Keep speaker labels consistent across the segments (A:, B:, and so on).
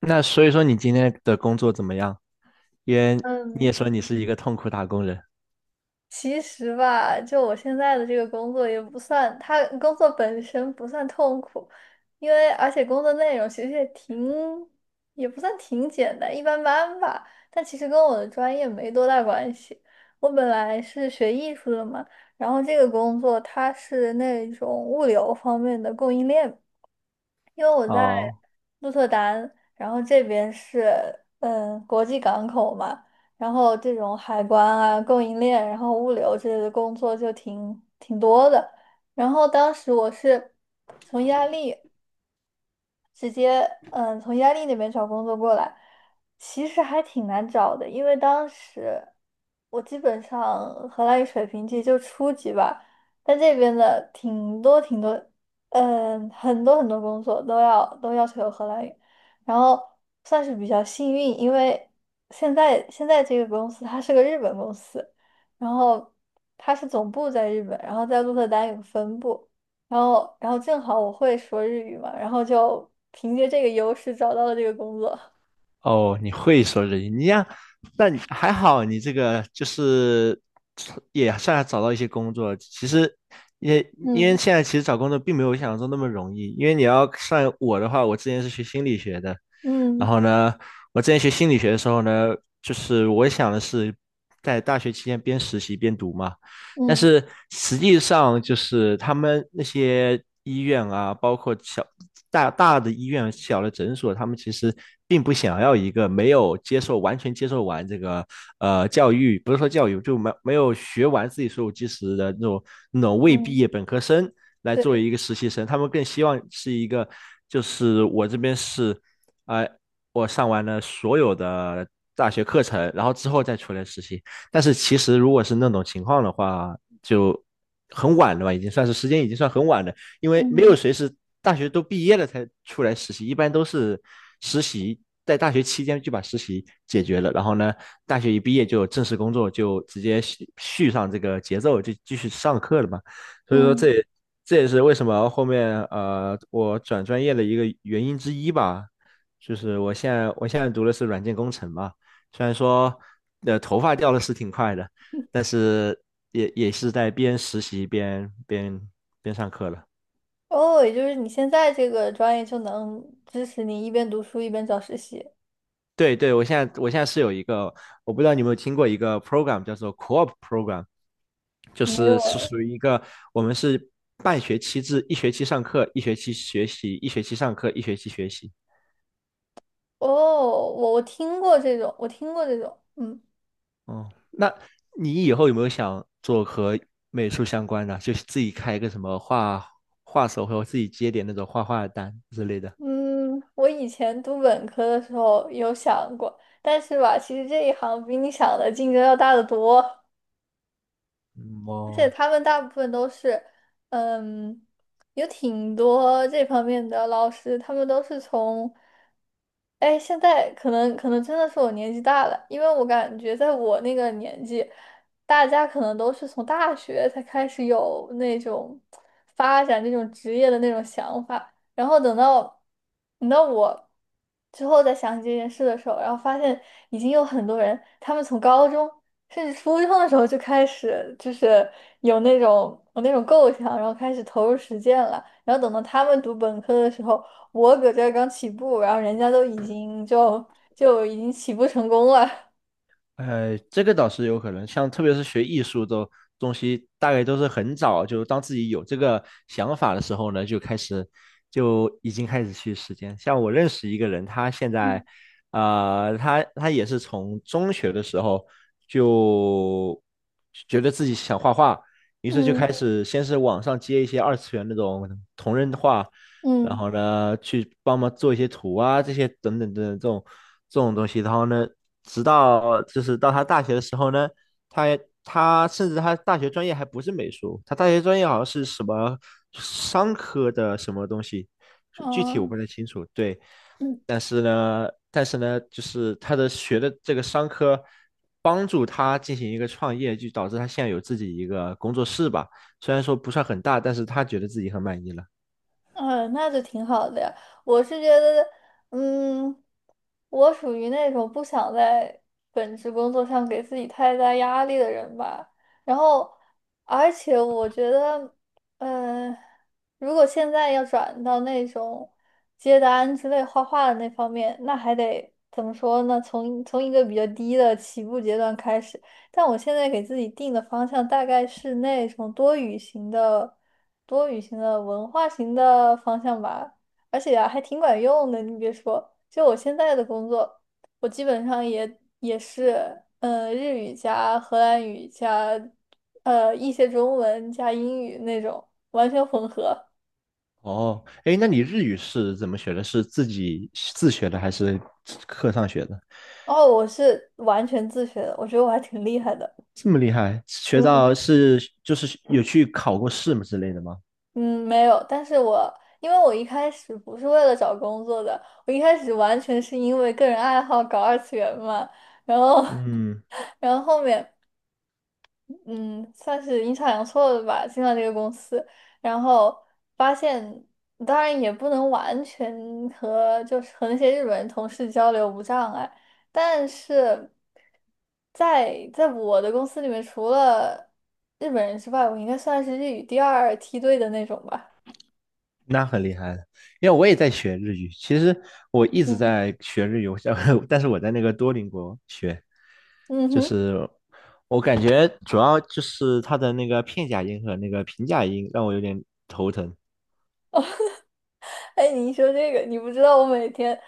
A: 那所以说你今天的工作怎么样？因为你也
B: 嗯，
A: 说你是一个痛苦打工人。
B: 其实吧，就我现在的这个工作也不算，它工作本身不算痛苦，而且工作内容其实也不算挺简单，一般般吧。但其实跟我的专业没多大关系。我本来是学艺术的嘛，然后这个工作它是那种物流方面的供应链。因为我在
A: 哦
B: 鹿特丹，然后这边是国际港口嘛，然后这种海关啊、供应链，然后物流之类的工作就挺多的。然后当时我是从意大利。直接从意大利那边找工作过来，其实还挺难找的，因为当时我基本上荷兰语水平其实就初级吧，但这边的挺多挺多，嗯，很多很多工作都要求有荷兰语，然后算是比较幸运，因为现在这个公司它是个日本公司，然后它是总部在日本，然后在鹿特丹有个分部。然后正好我会说日语嘛，然后就凭借这个优势找到了这个工作。
A: 哦，你会说日语，你呀，但你还好你这个就是也算找到一些工作。其实也 因为
B: 嗯
A: 现在其实找工作并没有想象中那么容易，因为你要算我的话，我之前是学心理学的，然
B: 嗯
A: 后呢，我之前学心理学的时候呢，就是我想的是在大学期间边实习边读嘛。但
B: 嗯
A: 是实际上就是他们那些医院啊，包括小大大的医院、小的诊所，他们其实并不想要一个没有接受完全接受完这个教育，不是说教育，就没有学完自己所有知识的那种未毕
B: 嗯，
A: 业本科生来作为
B: 对，
A: 一个实习生，他们更希望是一个就是我这边是。呃，我上完了所有的大学课程，然后之后再出来实习。但是其实如果是那种情况的话，就很晚了吧，已经算是时间已经算很晚了，因为没有
B: 嗯
A: 谁是大学都毕业了才出来实习，一般都是实习在大学期间就把实习解决了，然后呢，大学一毕业就有正式工作，就直接续上这个节奏，就继续上课了嘛。所以说
B: 嗯。
A: 这也是为什么后面我转专业的一个原因之一吧，就是我现在读的是软件工程嘛。虽然说头发掉的是挺快的，但是也是在边实习边边上课了。
B: 哦，也就是你现在这个专业就能支持你一边读书一边找实习？
A: 对对，我现在是有一个，我不知道你有没有听过一个 program 叫做 co-op program,就
B: 没
A: 是
B: 有
A: 是
B: 哎。
A: 属于一个我们是半学期制，一学期上课，一学期学习，一学期上课，一学期学习。
B: 哦，我听过这种，我听过这种，嗯
A: 哦，那你以后有没有想做和美术相关的，就是自己开一个什么画画手，或者自己接点那种画画的单之类的？
B: 嗯，我以前读本科的时候有想过，但是吧，其实这一行比你想的竞争要大得多。
A: 嗯，
B: 而且
A: 哦，
B: 他们大部分都是，嗯，有挺多这方面的老师，他们都是从，哎，现在可能真的是我年纪大了，因为我感觉在我那个年纪，大家可能都是从大学才开始有那种发展这种职业的那种想法，然后等到我之后再想起这件事的时候，然后发现已经有很多人，他们从高中。是你初中的时候就开始，就是有那种构想，然后开始投入实践了。然后等到他们读本科的时候，我搁这儿刚起步，然后人家都已经就已经起步成功了。
A: 这个倒是有可能，像特别是学艺术的东西，大概都是很早，就当自己有这个想法的时候呢，就开始就已经开始去实践。像我认识一个人，他现在，
B: 嗯
A: 他也是从中学的时候就觉得自己想画画，于是就
B: 嗯
A: 开始先是网上接一些二次元那种同人画，然
B: 嗯，
A: 后呢，去帮忙做一些图啊，这些等等这种东西。然后呢，直到就是到他大学的时候呢，他他甚至他大学专业还不是美术，他大学专业好像是什么商科的什么东西，具体我
B: 哦
A: 不太清楚。对，
B: 嗯。
A: 但是呢，就是他的学的这个商科帮助他进行一个创业，就导致他现在有自己一个工作室吧。虽然说不算很大，但是他觉得自己很满意了。
B: 嗯，那就挺好的呀。我是觉得，嗯，我属于那种不想在本职工作上给自己太大压力的人吧。然后，而且我觉得，嗯，如果现在要转到那种接单之类画画的那方面，那还得怎么说呢？从一个比较低的起步阶段开始。但我现在给自己定的方向大概是那种多语型的、多语型的文化型的方向吧，而且啊还挺管用的。你别说，就我现在的工作，我基本上也是，日语加荷兰语加一些中文加英语那种完全混合。
A: 哦，哎，那你日语是怎么学的？是自己自学的还是课上学的？
B: 哦，我是完全自学的，我觉得我还挺厉害的。
A: 这么厉害，学
B: 嗯哼。
A: 到是就是有去考过试吗之类的吗？
B: 嗯，没有，但是因为我一开始不是为了找工作的，我一开始完全是因为个人爱好搞二次元嘛，然后，
A: 嗯，
B: 然后后面，嗯，算是阴差阳错的吧，进了这个公司，然后发现，当然也不能完全和就是和那些日本人同事交流无障碍，但是在我的公司里面，除了日本人之外，我应该算是日语第二梯队的那种吧。
A: 那很厉害了，因为我也在学日语。其实我一直在学日语，我想 但是我在那个多邻国学，
B: 嗯
A: 就
B: 哼，
A: 是我感觉主要就是它的那个片假音和那个平假音让我有点头疼。
B: 哎，你一说这个，你不知道我每天，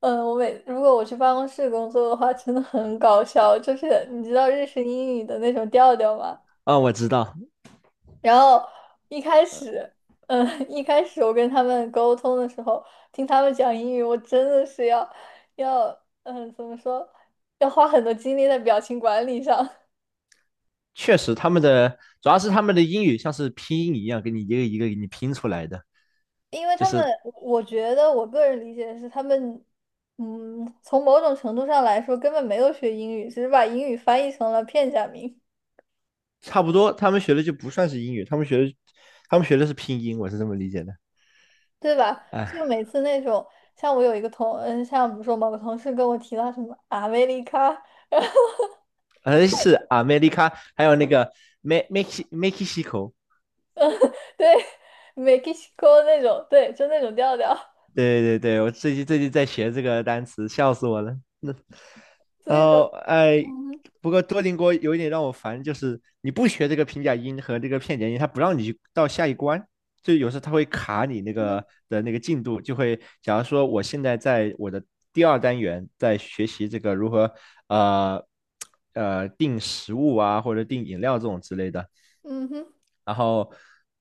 B: 如果我去办公室工作的话，真的很搞笑。就是你知道日式英语的那种调调吗？
A: 啊、我知道，
B: 然后一开始，嗯，一开始我跟他们沟通的时候，听他们讲英语，我真的是要要，怎么说，要花很多精力在表情管理上。
A: 确实他们的主要是他们的英语像是拼音一样，给你一个一个给你拼出来的，
B: 因为
A: 就
B: 他们，
A: 是
B: 我觉得我个人理解是他们，从某种程度上来说根本没有学英语，只是把英语翻译成了片假名，
A: 差不多他们学的就不算是英语，他们学的是拼音，我是这么理解的。
B: 对吧？就
A: 哎，
B: 每次那种，像我有一个同，嗯，像比如说某个同事跟我提到什么阿美利卡，
A: 是 America,还有那个 Mexico，
B: 对，Mexico 那种，对，就那种调调，
A: 对对对，我最近最近在学这个单词，笑死我了。那
B: 所
A: 然
B: 以说，
A: 后哎，
B: 嗯哼
A: 不过多邻国有一点让我烦，就是你不学这个平假音和这个片假音，它不让你去到下一关，就有时候它会卡你那
B: 嗯
A: 个的那个进度，就会假如说我现在在我的第二单元在学习这个如何呃订食物啊或者订饮料这种之类的，
B: 嗯哼
A: 然后，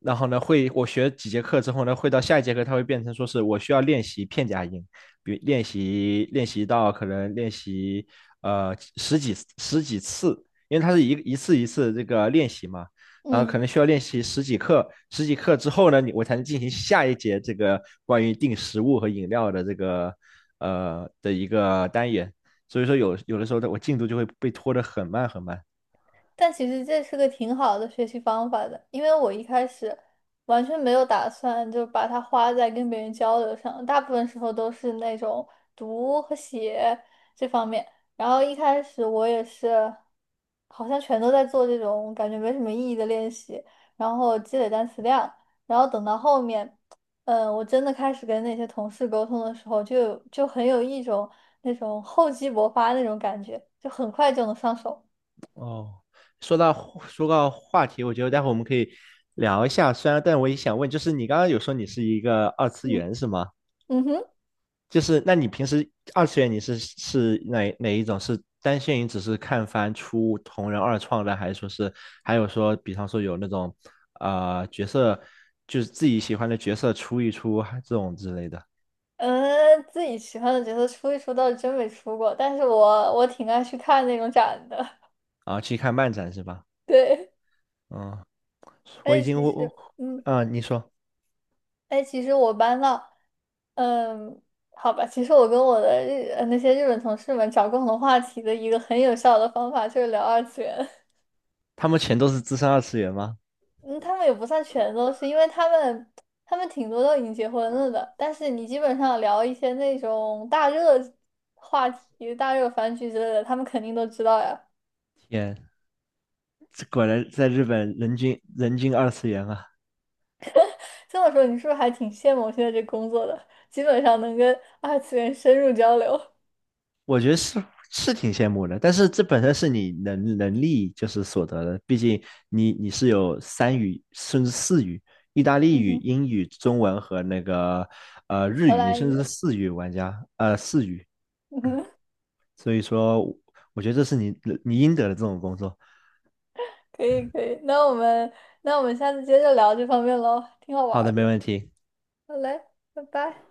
A: 然后呢，会我学几节课之后呢，会到下一节课，它会变成说是我需要练习片假音，比如练习到可能练习十几次，因为它是一次一次这个练习嘛，然后可
B: 嗯。
A: 能需要练习十几课，十几课之后呢，我才能进行下一节这个关于定食物和饮料的这个的一个单元，所以说有的时候的我进度就会被拖得很慢很慢。
B: 但其实这是个挺好的学习方法的，因为我一开始完全没有打算就把它花在跟别人交流上，大部分时候都是那种读和写这方面。然后一开始我也是，好像全都在做这种感觉没什么意义的练习，然后积累单词量。然后等到后面，我真的开始跟那些同事沟通的时候就，就很有一种那种厚积薄发那种感觉，就很快就能上手。
A: 哦，说到说到话题，我觉得待会我们可以聊一下。虽然，但我也想问，就是你刚刚有说你是一个二次
B: 嗯
A: 元是吗？
B: 嗯哼。
A: 就是那你平时二次元你是哪一种？是单线于只是看番出同人二创的，还是说是还有说，比方说有那种角色，就是自己喜欢的角色出一出啊这种之类的，
B: 嗯，自己喜欢的角色出一出倒是真没出过，但是我挺爱去看那种展的。
A: 然后去看漫展是吧？
B: 对，
A: 嗯，我已
B: 哎，
A: 经
B: 其
A: 我
B: 实，
A: 我
B: 嗯，
A: 啊，你说
B: 哎，其实我搬到，嗯，好吧，其实我跟我的那些日本同事们找共同话题的一个很有效的方法就是聊二次元。
A: 他们全都是资深二次元吗？
B: 嗯，他们也不算全都是，因为他们挺多都已经结婚了的，但是你基本上聊一些那种大热话题、大热番剧之类的，他们肯定都知道呀。
A: 天。这果然在日本人均二次元啊，
B: 这么说，你是不是还挺羡慕我现在这工作的？基本上能跟二次元深入交流。
A: 我觉得是是挺羡慕的，但是这本身是你能力就是所得的，毕竟你是有三语甚至四语，意大利
B: 嗯
A: 语、
B: 哼，
A: 英语、中文和那个日
B: 荷
A: 语，你
B: 兰
A: 甚至是
B: 语。
A: 四语玩家，呃四语，
B: 嗯哼，
A: 所以说我觉得这是你应得的这种工作。
B: 可以可以。那我们下次接着聊这方面喽，挺好玩
A: 好
B: 儿
A: 的，没
B: 的。
A: 问题。
B: 好嘞，拜拜。